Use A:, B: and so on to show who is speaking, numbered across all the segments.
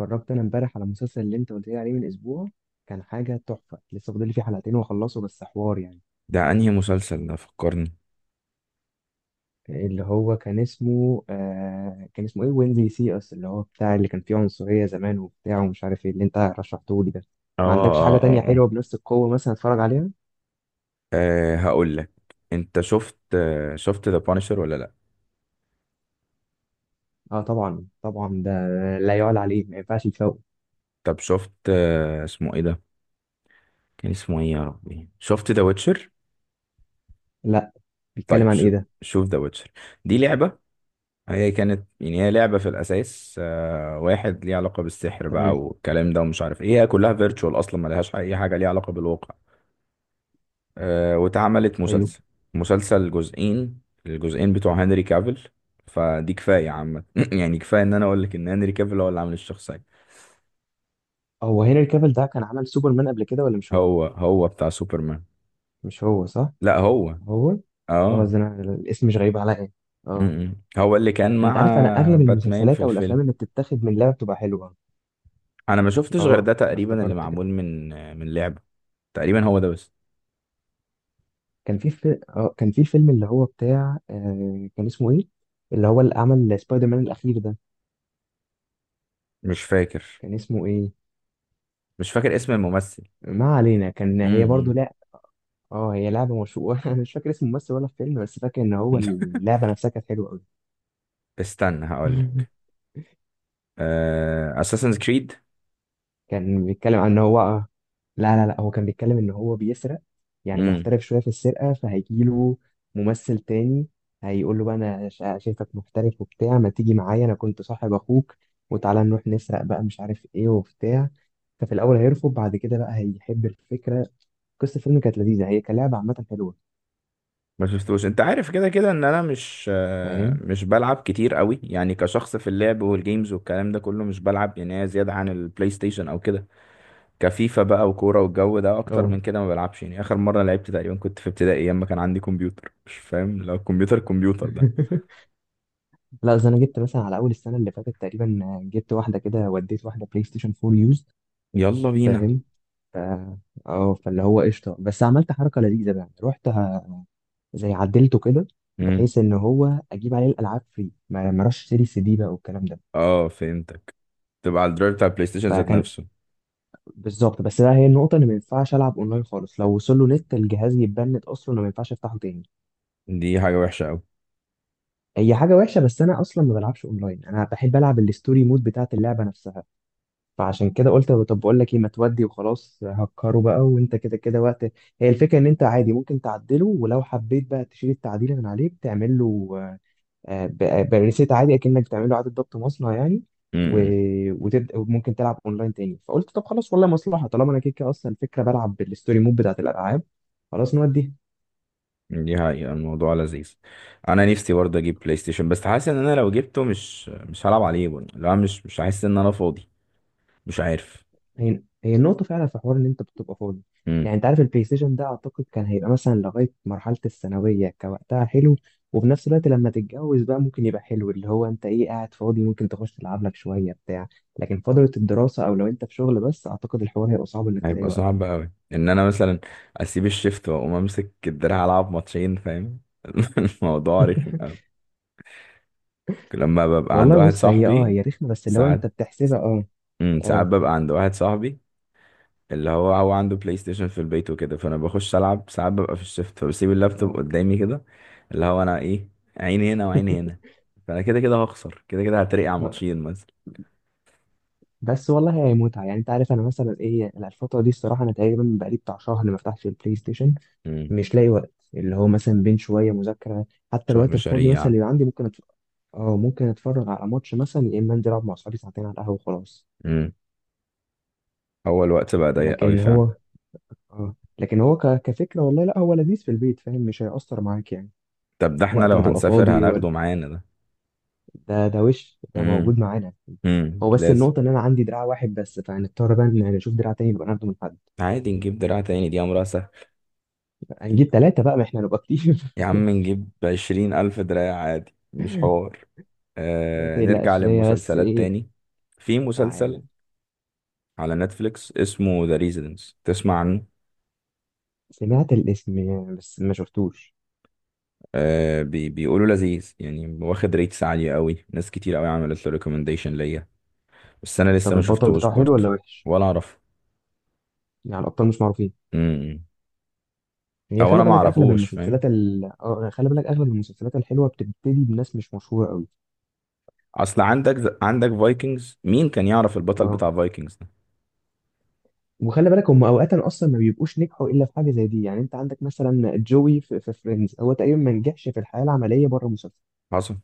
A: اتفرجت انا امبارح على المسلسل اللي انت قلت لي عليه من اسبوع. كان حاجه تحفه، لسه فاضل لي فيه حلقتين واخلصه، بس حوار يعني.
B: ده انهي مسلسل ده؟ فكرني.
A: اللي هو كان اسمه كان اسمه ايه، وين زي سي اس، اللي هو بتاع اللي كان فيه عنصريه زمان وبتاع ومش عارف ايه، اللي انت رشحته لي ده.
B: اه
A: ما عندكش حاجه
B: اه اه
A: تانية
B: اه,
A: حلوه بنفس القوه مثلا اتفرج عليها؟
B: هقول لك. انت شفت ذا بانشر ولا لا؟
A: اه طبعا طبعا، ده لا يعلى عليه، ما ينفعش يتفوق.
B: طب شفت، اسمه ايه ده؟ كان اسمه ايه يا ربي؟ شفت ذا ويتشر؟
A: لا، بيتكلم
B: طيب
A: عن ايه
B: شوف،
A: ده؟
B: شوف ذا ويتشر، دي لعبة. هي كانت يعني هي لعبة في الأساس، واحد ليه علاقة بالسحر
A: تمام.
B: بقى والكلام ده ومش عارف ايه، هي كلها فيرتشوال أصلا، ملهاش أي حاجة ليها علاقة بالواقع. واتعملت
A: حلو.
B: مسلسل، مسلسل جزئين، الجزئين بتوع هنري كافيل. فدي كفاية عامة يعني كفاية ان انا اقول لك ان هنري كافيل هو اللي عامل الشخصية.
A: هو هنري كافيل ده كان عمل سوبرمان قبل كده ولا مش هو؟
B: هو هو بتاع سوبرمان.
A: مش هو صح؟
B: لا هو.
A: هو. اه
B: اه.
A: ده أنا الاسم مش غريب عليا. اه.
B: م-م. هو اللي كان
A: انت
B: مع
A: عارف انا اغلب
B: باتمان في
A: المسلسلات او الافلام
B: الفيلم.
A: اللي بتتاخد من لعبه بتبقى حلوه.
B: انا ما شفتش غير ده
A: اه انا
B: تقريبا اللي
A: افتكرت كده.
B: معمول من لعبة. تقريبا هو ده بس.
A: كان في فيلم اللي هو بتاع كان اسمه ايه، اللي هو اللي عمل سبايدر مان الاخير ده،
B: مش فاكر،
A: كان اسمه ايه؟
B: مش فاكر اسم الممثل.
A: ما علينا، كان هي برضو
B: م-م.
A: لا. اه هي لعبه مشهوره. انا مش فاكر اسم الممثل ولا الفيلم، بس فاكر ان هو اللعبه نفسها كانت حلوه قوي.
B: استنى هقول لك: اساسنز كريد.
A: كان بيتكلم عن ان هو لا، هو كان بيتكلم ان هو بيسرق، يعني محترف شويه في السرقه، فهيجيله ممثل تاني هيقول له بقى انا شايفك محترف وبتاع، ما تيجي معايا انا كنت صاحب اخوك وتعالى نروح نسرق بقى مش عارف ايه وبتاع. ففي الاول هيرفض، بعد كده بقى هيحب الفكره. قصه الفيلم كانت لذيذه، هي كلعبه عامه حلوه.
B: ما شفتوش. انت عارف كده كده ان انا مش،
A: فاهم.
B: مش بلعب كتير قوي يعني. كشخص في اللعب والجيمز والكلام ده كله مش بلعب يعني، هي زيادة عن البلاي ستيشن او كده، كفيفا بقى وكورة والجو ده اكتر
A: اه.
B: من كده ما بلعبش يعني. اخر مرة لعبت تقريبا كنت في ابتدائي ايام ما كان عندي كمبيوتر، مش فاهم لو كمبيوتر، ده.
A: لا اصل انا جبت مثلا على اول السنه اللي فاتت تقريبا، جبت واحده كده وديت واحده بلاي ستيشن 4 يوز.
B: يلا بينا.
A: فاهم. ف... اه فاللي هو قشطه، بس عملت حركه لذيذه بقى، رحت زي عدلته كده،
B: امم.
A: بحيث ان هو اجيب عليه الالعاب فري، ما اروحش اشتري سي دي بقى والكلام ده.
B: اه، فهمتك، تبقى على الدرايف بتاع البلاي ستيشن ذات
A: فكان
B: نفسه.
A: بالظبط. بس بقى هي النقطه ان ما ينفعش العب اونلاين خالص، لو وصل له نت الجهاز يتبند اصلا وما ينفعش افتحه تاني.
B: دي حاجة وحشة
A: هي حاجه وحشه بس انا اصلا ما بلعبش اونلاين، انا بحب العب الستوري مود بتاعت اللعبه نفسها. فعشان كده قلت طب بقول لك ايه، ما تودي وخلاص، هكره بقى وانت كده كده وقت. هي الفكره ان انت عادي ممكن تعدله، ولو حبيت بقى تشيل التعديل من عليه بتعمل له بريسيت عادي، اكنك بتعمل له اعاده ضبط مصنع يعني. و...
B: قوي.
A: وتبدا وممكن تلعب اونلاين تاني. فقلت طب خلاص والله مصلحه، طالما انا كده كده اصلا الفكره بلعب بالستوري مود بتاعت الالعاب، خلاص نوديها.
B: دي حقيقة الموضوع لذيذ. انا نفسي برضه اجيب بلاي ستيشن، بس حاسس ان انا لو جبته مش، هلعب عليه برضه. لا، مش، هحس ان انا فاضي. مش عارف.
A: هي هي النقطة فعلا في حوار، إن أنت بتبقى فاضي.
B: امم.
A: يعني أنت عارف البلاي ستيشن ده أعتقد كان هيبقى مثلا لغاية مرحلة الثانوية كوقتها حلو. وفي نفس الوقت لما تتجوز بقى ممكن يبقى حلو، اللي هو أنت إيه قاعد فاضي ممكن تخش تلعب لك شوية بتاع. لكن فترة الدراسة أو لو أنت في شغل بس أعتقد الحوار هيبقى صعب إنك تلاقي
B: هيبقى
A: وقت.
B: صعب قوي ان انا مثلا اسيب الشيفت واقوم امسك الدراع العب ماتشين، فاهم؟ الموضوع رخم قوي. لما ببقى عند
A: والله
B: واحد
A: بص هي أه
B: صاحبي.
A: هي رخمة، بس لو
B: ساعات.
A: أنت بتحسبها أه.
B: امم، ساعات
A: أه.
B: ببقى عند واحد صاحبي اللي هو هو عنده بلاي ستيشن في البيت وكده، فانا بخش العب. ساعات ببقى في الشفت فبسيب اللابتوب
A: أه.
B: قدامي كده، اللي هو انا ايه، عيني هنا وعيني هنا. فانا كده كده هخسر، كده كده هترقع
A: ما-
B: ماتشين مثلا.
A: بس والله هي متعة، يعني أنت عارف أنا مثلا إيه الفترة دي الصراحة أنا تقريبا بقالي بتاع شهر ما فتحتش البلاي ستيشن.
B: امم.
A: مش لاقي وقت اللي هو مثلا بين شويه مذاكره. حتى
B: شويه
A: الوقت الفاضي مثلا
B: مشاريع.
A: اللي عندي ممكن أتف... اه ممكن اتفرج على ماتش مثلا، يا اما انزل العب مع اصحابي ساعتين على القهوه وخلاص.
B: امم. هو الوقت بقى ضيق قوي
A: لكن
B: فعلا.
A: هو اه لكن هو كفكره والله لا هو لذيذ في البيت، فاهم مش هيأثر معاك يعني.
B: طب ده احنا
A: وقت
B: لو
A: ما تبقى
B: هنسافر
A: فاضي. ولا
B: هناخده معانا ده.
A: ده ده وش ده موجود
B: امم.
A: معانا.
B: امم،
A: هو بس
B: لازم.
A: النقطة إن أنا عندي دراع واحد بس، فهنضطر بقى إن نشوف دراع تاني نبقى ناخده من حد.
B: عادي نجيب دراع تاني، دي امرها سهل.
A: هنجيب تلاتة بقى، ما إحنا نبقى كتير.
B: يا عم نجيب 20 الف دراع عادي، مش حوار.
A: ما
B: آه، نرجع
A: تقلقش هي بس
B: للمسلسلات
A: إيه.
B: تاني. في
A: تعالى.
B: مسلسل على نتفليكس اسمه ذا ريزيدنس، تسمع عنه؟
A: سمعت الاسم يعني بس ما شفتوش.
B: آه، بيقولوا لذيذ يعني، واخد ريتس عالية قوي، ناس كتير قوي عملت له ريكومنديشن ليا، بس انا لسه
A: طب
B: ما
A: البطل
B: شفتهوش
A: بتاعه حلو
B: برضه.
A: ولا وحش؟
B: ولا اعرف.
A: يعني الابطال مش معروفين.
B: امم.
A: هي
B: او انا
A: خلي
B: ما
A: بالك اغلب
B: اعرفوش،
A: المسلسلات
B: فاهم؟
A: ال... آه، خلي بالك اغلب المسلسلات الحلوه بتبتدي بناس مش مشهوره قوي.
B: اصل عندك، فايكنجز، مين كان يعرف البطل
A: اه
B: بتاع فايكنجز ده؟
A: وخلي بالك هم اوقات اصلا ما بيبقوش نجحوا الا في حاجه زي دي. يعني انت عندك مثلا جوي في فريندز هو تقريبا ما نجحش في الحياه العمليه بره المسلسل.
B: حصل.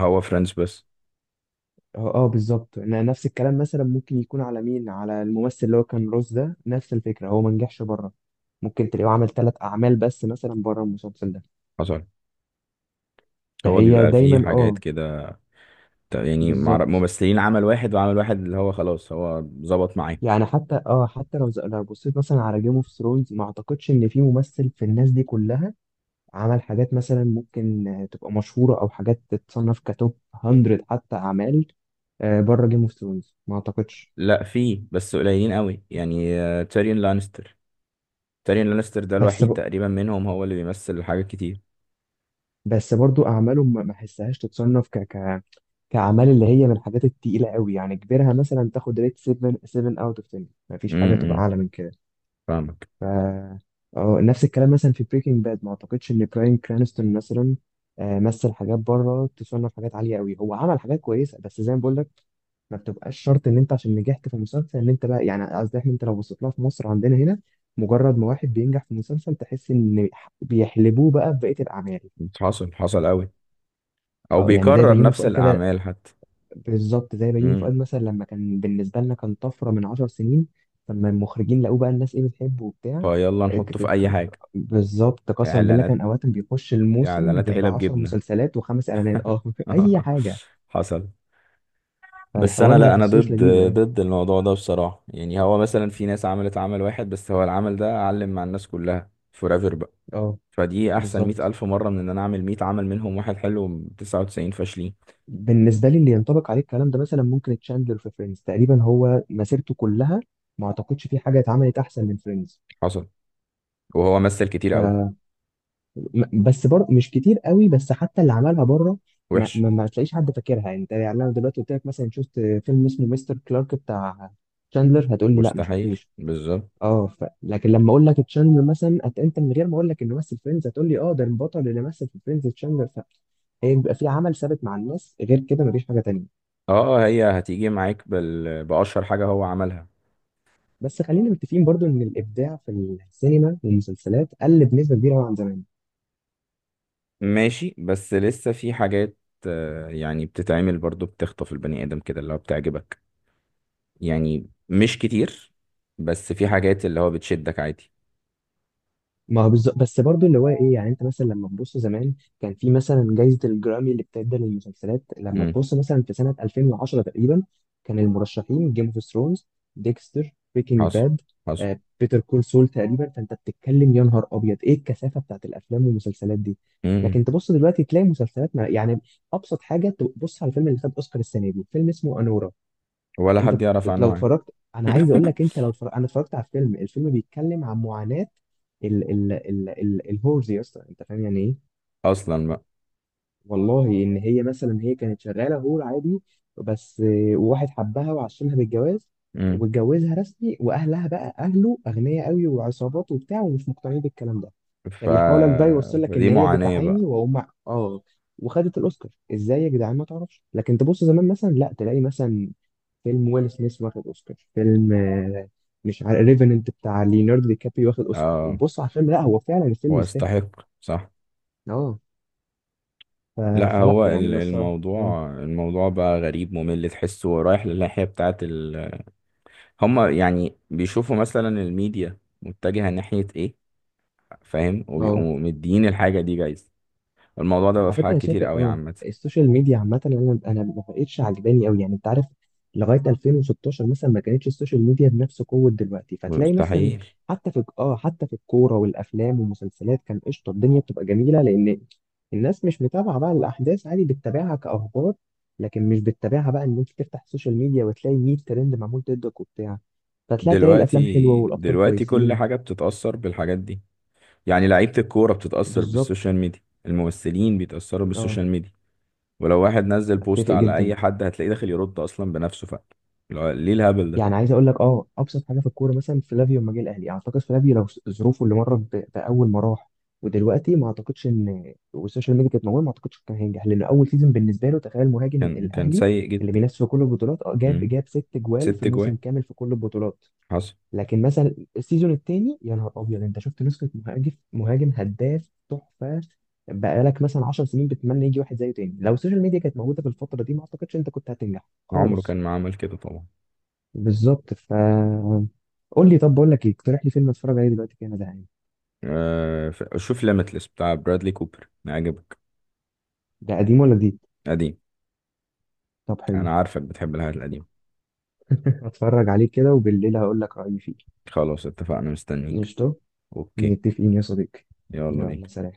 B: هو فرنش بس.
A: اه اه بالظبط. نفس الكلام مثلا ممكن يكون على مين، على الممثل اللي هو كان روز ده، نفس الفكره هو ما نجحش بره. ممكن تلاقيه عمل ثلاث اعمال بس مثلا بره المسلسل ده.
B: حصل. هو
A: فهي
B: بيبقى فيه
A: دايما
B: حاجات
A: اه.
B: كده،
A: بالظبط.
B: ممثلين عمل واحد وعمل واحد اللي هو خلاص هو ظبط معاه.
A: يعني حتى اه حتى لو لو بصيت مثلا على جيم اوف ثرونز ما اعتقدش ان في ممثل في الناس دي كلها عمل حاجات مثلا ممكن تبقى مشهورة او حاجات تتصنف كتوب 100 حتى اعمال بره جيم اوف ثرونز ما اعتقدش.
B: لا فيه بس قليلين قوي يعني، تيريون لانستر. تيريون لانستر ده
A: بس
B: الوحيد
A: ب...
B: تقريبا منهم هو اللي بيمثل حاجات كتير.
A: بس برضو اعماله ما احسهاش تتصنف كاعمال اللي هي من الحاجات التقيلة قوي، يعني كبيرها مثلا تاخد ريت 7 اوت اوف 10، ما فيش
B: امم.
A: حاجة تبقى اعلى من كده.
B: فاهمك.
A: ف اه نفس الكلام مثلا في بريكنج باد ما اعتقدش ان براين كرانستون مثلا مثل حاجات بره تصنف حاجات عاليه قوي. هو عمل حاجات كويسه بس زي ما بقول لك ما بتبقاش شرط ان انت عشان نجحت في مسلسل ان انت بقى يعني، قصدي احنا انت لو بصيت لها في مصر عندنا هنا مجرد ما واحد بينجح في مسلسل تحس ان بيحلبوه بقى في بقيه الاعمال.
B: حصل. حصل قوي. او
A: اه يعني زي
B: بيكرر
A: بيومي
B: نفس
A: فؤاد كده.
B: الاعمال حتى.
A: بالظبط زي بيومي
B: امم.
A: فؤاد مثلا، لما كان بالنسبة لنا كان طفرة من عشر سنين، لما المخرجين لقوه بقى الناس ايه بتحبه وبتاع.
B: فيلا
A: آه، ك-
B: نحطه في
A: ك-
B: اي
A: كان-
B: حاجه.
A: بالظبط قسما بالله
B: اعلانات.
A: كان أوقات بيخش الموسم
B: اعلانات
A: ب
B: علب
A: 10
B: جبنه.
A: مسلسلات وخمس إعلانات اه. أي حاجة.
B: حصل. بس
A: فالحوار
B: انا
A: ما
B: لا، انا
A: بحسوش
B: ضد،
A: لذيذ اه.
B: الموضوع ده بصراحه يعني. هو مثلا في ناس عملت عمل واحد بس هو العمل ده علم مع الناس كلها فورايفر بقى.
A: اه
B: فدي احسن مئة
A: بالظبط.
B: الف مره من ان انا اعمل 100 عمل منهم واحد حلو 99 فاشلين.
A: بالنسبة لي اللي ينطبق عليه الكلام ده مثلا ممكن تشاندلر في فريندز تقريبا هو مسيرته كلها، ما أعتقدش في حاجة اتعملت أحسن من فريندز.
B: حصل. وهو مثل كتير قوي.
A: مش كتير قوي، بس حتى اللي عملها بره ما,
B: وحش.
A: ما, ما تلاقيش حد فاكرها يعني. انت يعني انا دلوقتي قلت لك مثلا شفت فيلم اسمه مستر كلارك بتاع تشاندلر هتقول لي لا ما
B: مستحيل.
A: شفتوش.
B: بالظبط.
A: لكن لما اقول لك تشاندلر مثلا انت من غير ما اقول لك انه مثل فريندز هتقول لي اه ده البطل اللي مثل في فريندز تشاندلر. هي بيبقى في عمل ثابت مع الناس غير كده مفيش حاجه تانية.
B: اه، هي هتيجي معاك بأشهر حاجة هو عملها.
A: بس خلينا متفقين برضو ان الابداع في السينما والمسلسلات قل بنسبه كبيره أوي عن زمان.
B: ماشي، بس لسه في حاجات، يعني بتتعمل برضو بتخطف البني آدم كده اللي هو بتعجبك. يعني مش كتير، بس في حاجات اللي هو بتشدك عادي.
A: ما هو بالظبط، بس برضو اللي هو ايه يعني انت مثلا لما تبص زمان كان في مثلا جائزة الجرامي اللي بتدى للمسلسلات، لما
B: امم.
A: تبص مثلا في سنة 2010 تقريبا كان المرشحين جيم اوف ثرونز، ديكستر، بريكنج
B: حصل.
A: باد،
B: حصل.
A: بيتر كول سول تقريبا، فانت بتتكلم يا نهار ابيض ايه الكثافة بتاعت الافلام والمسلسلات دي.
B: امم.
A: لكن تبص دلوقتي تلاقي مسلسلات، ما يعني ابسط حاجة تبص على الفيلم اللي خد اوسكار السنة دي فيلم اسمه انورا.
B: ولا حد يعرف
A: لو
B: عنه حاجة.
A: اتفرجت انا عايز اقول لك، انت لو اتفرجت انا اتفرجت على فيلم الفيلم بيتكلم عن معاناة ال الهورز يا اسطى انت فاهم يعني ايه.
B: أصلا بقى.
A: والله ان هي مثلا هي كانت شغاله هو عادي، بس واحد حبها وعشمها بالجواز
B: امم.
A: واتجوزها رسمي، واهلها بقى اهله اغنياء قوي وعصابات وبتاع ومش مقتنعين بالكلام ده.
B: ف...
A: فبيحاول بقى يوصل لك ان
B: فدي
A: هي
B: معاناة بقى.
A: بتعاني وهم اه. وخدت الاوسكار ازاي يا جدعان ما تعرفش. لكن تبص زمان مثلا لا تلاقي مثلا فيلم ويل سميث واخد اوسكار، فيلم مش عارف ريفننت بتاع ليوناردو دي كابريو واخد اوسكار
B: اه،
A: وبص على الفيلم لا هو فعلا الفيلم
B: هو
A: يستاهل.
B: يستحق، صح.
A: اه ف-
B: لا،
A: فلا
B: هو
A: يعني انا الصراحه
B: الموضوع، بقى غريب ممل تحسه رايح للناحية بتاعت ال... هما يعني بيشوفوا مثلا الميديا متجهة ناحية ايه، فاهم،
A: اه.
B: وبيقوموا مديين الحاجة دي جايزة. الموضوع ده بقى
A: على
B: في
A: فكره
B: حاجات
A: انا شايف
B: كتير قوي
A: اه
B: عامة.
A: السوشيال ميديا عامه انا ما بقتش عجباني قوي، يعني انت عارف لغايه 2016 مثلا ما كانتش السوشيال ميديا بنفس قوه دلوقتي، فتلاقي مثلا
B: مستحيل.
A: حتى في اه حتى في الكوره والافلام والمسلسلات كان قشطه، الدنيا بتبقى جميله لان الناس مش متابعه بقى الاحداث، عادي بتتابعها كاخبار، لكن مش بتتابعها بقى ان انت تفتح السوشيال ميديا وتلاقي 100 ترند معمول ضدك وبتاع، فتلاقي تلاقي الافلام حلوه
B: دلوقتي،
A: والابطال
B: كل
A: كويسين.
B: حاجة بتتأثر بالحاجات دي. يعني لعيبة الكورة بتتأثر
A: بالظبط.
B: بالسوشيال ميديا، الممثلين بيتأثروا
A: اه
B: بالسوشيال ميديا، ولو واحد نزل بوست
A: اتفق
B: على
A: جدا.
B: أي حد هتلاقيه داخل يرد أصلا بنفسه. فعلا ليه الهبل ده؟
A: يعني عايز اقول لك اه ابسط حاجه في الكوره مثلا، فلافيو لما جه الاهلي اعتقد فلافيو لو ظروفه اللي مرت باول ما راح ودلوقتي ما اعتقدش ان والسوشيال ميديا كانت موجوده، ما اعتقدش كان هينجح، لانه اول سيزون بالنسبه له تخيل مهاجم
B: كان،
A: الاهلي
B: سيء
A: اللي
B: جدا.
A: بينافس في كل البطولات اه جاب
B: مم.
A: جاب ست جوال
B: ست
A: في
B: جوان
A: موسم كامل في كل البطولات.
B: حصل.
A: لكن مثلا السيزون الثاني يا نهار ابيض انت شفت نسخه مهاجم هداف تحفه. بقالك مثلا 10 سنين بتتمنى يجي واحد زيه تاني. لو السوشيال ميديا كانت موجوده في الفتره دي ما اعتقدش انت كنت هتنجح
B: عمره كان
A: خالص.
B: ما عمل كده طبعا.
A: بالظبط ف. قول لي طب بقول لك ايه، اقترح لي فيلم اتفرج عليه دلوقتي كده انا زهقان.
B: شوف ليميتلس بتاع برادلي كوبر، عجبك؟
A: ده قديم ولا جديد؟
B: قديم.
A: طب حلو.
B: انا عارفك بتحب الحاجات القديمة.
A: اتفرج عليه كده وبالليل هقول لك رأيي فيه.
B: خلاص اتفقنا، مستنيك.
A: قشطة.
B: اوكي.
A: متفقين يا صديقي.
B: يلا بينا.
A: يلا سلام.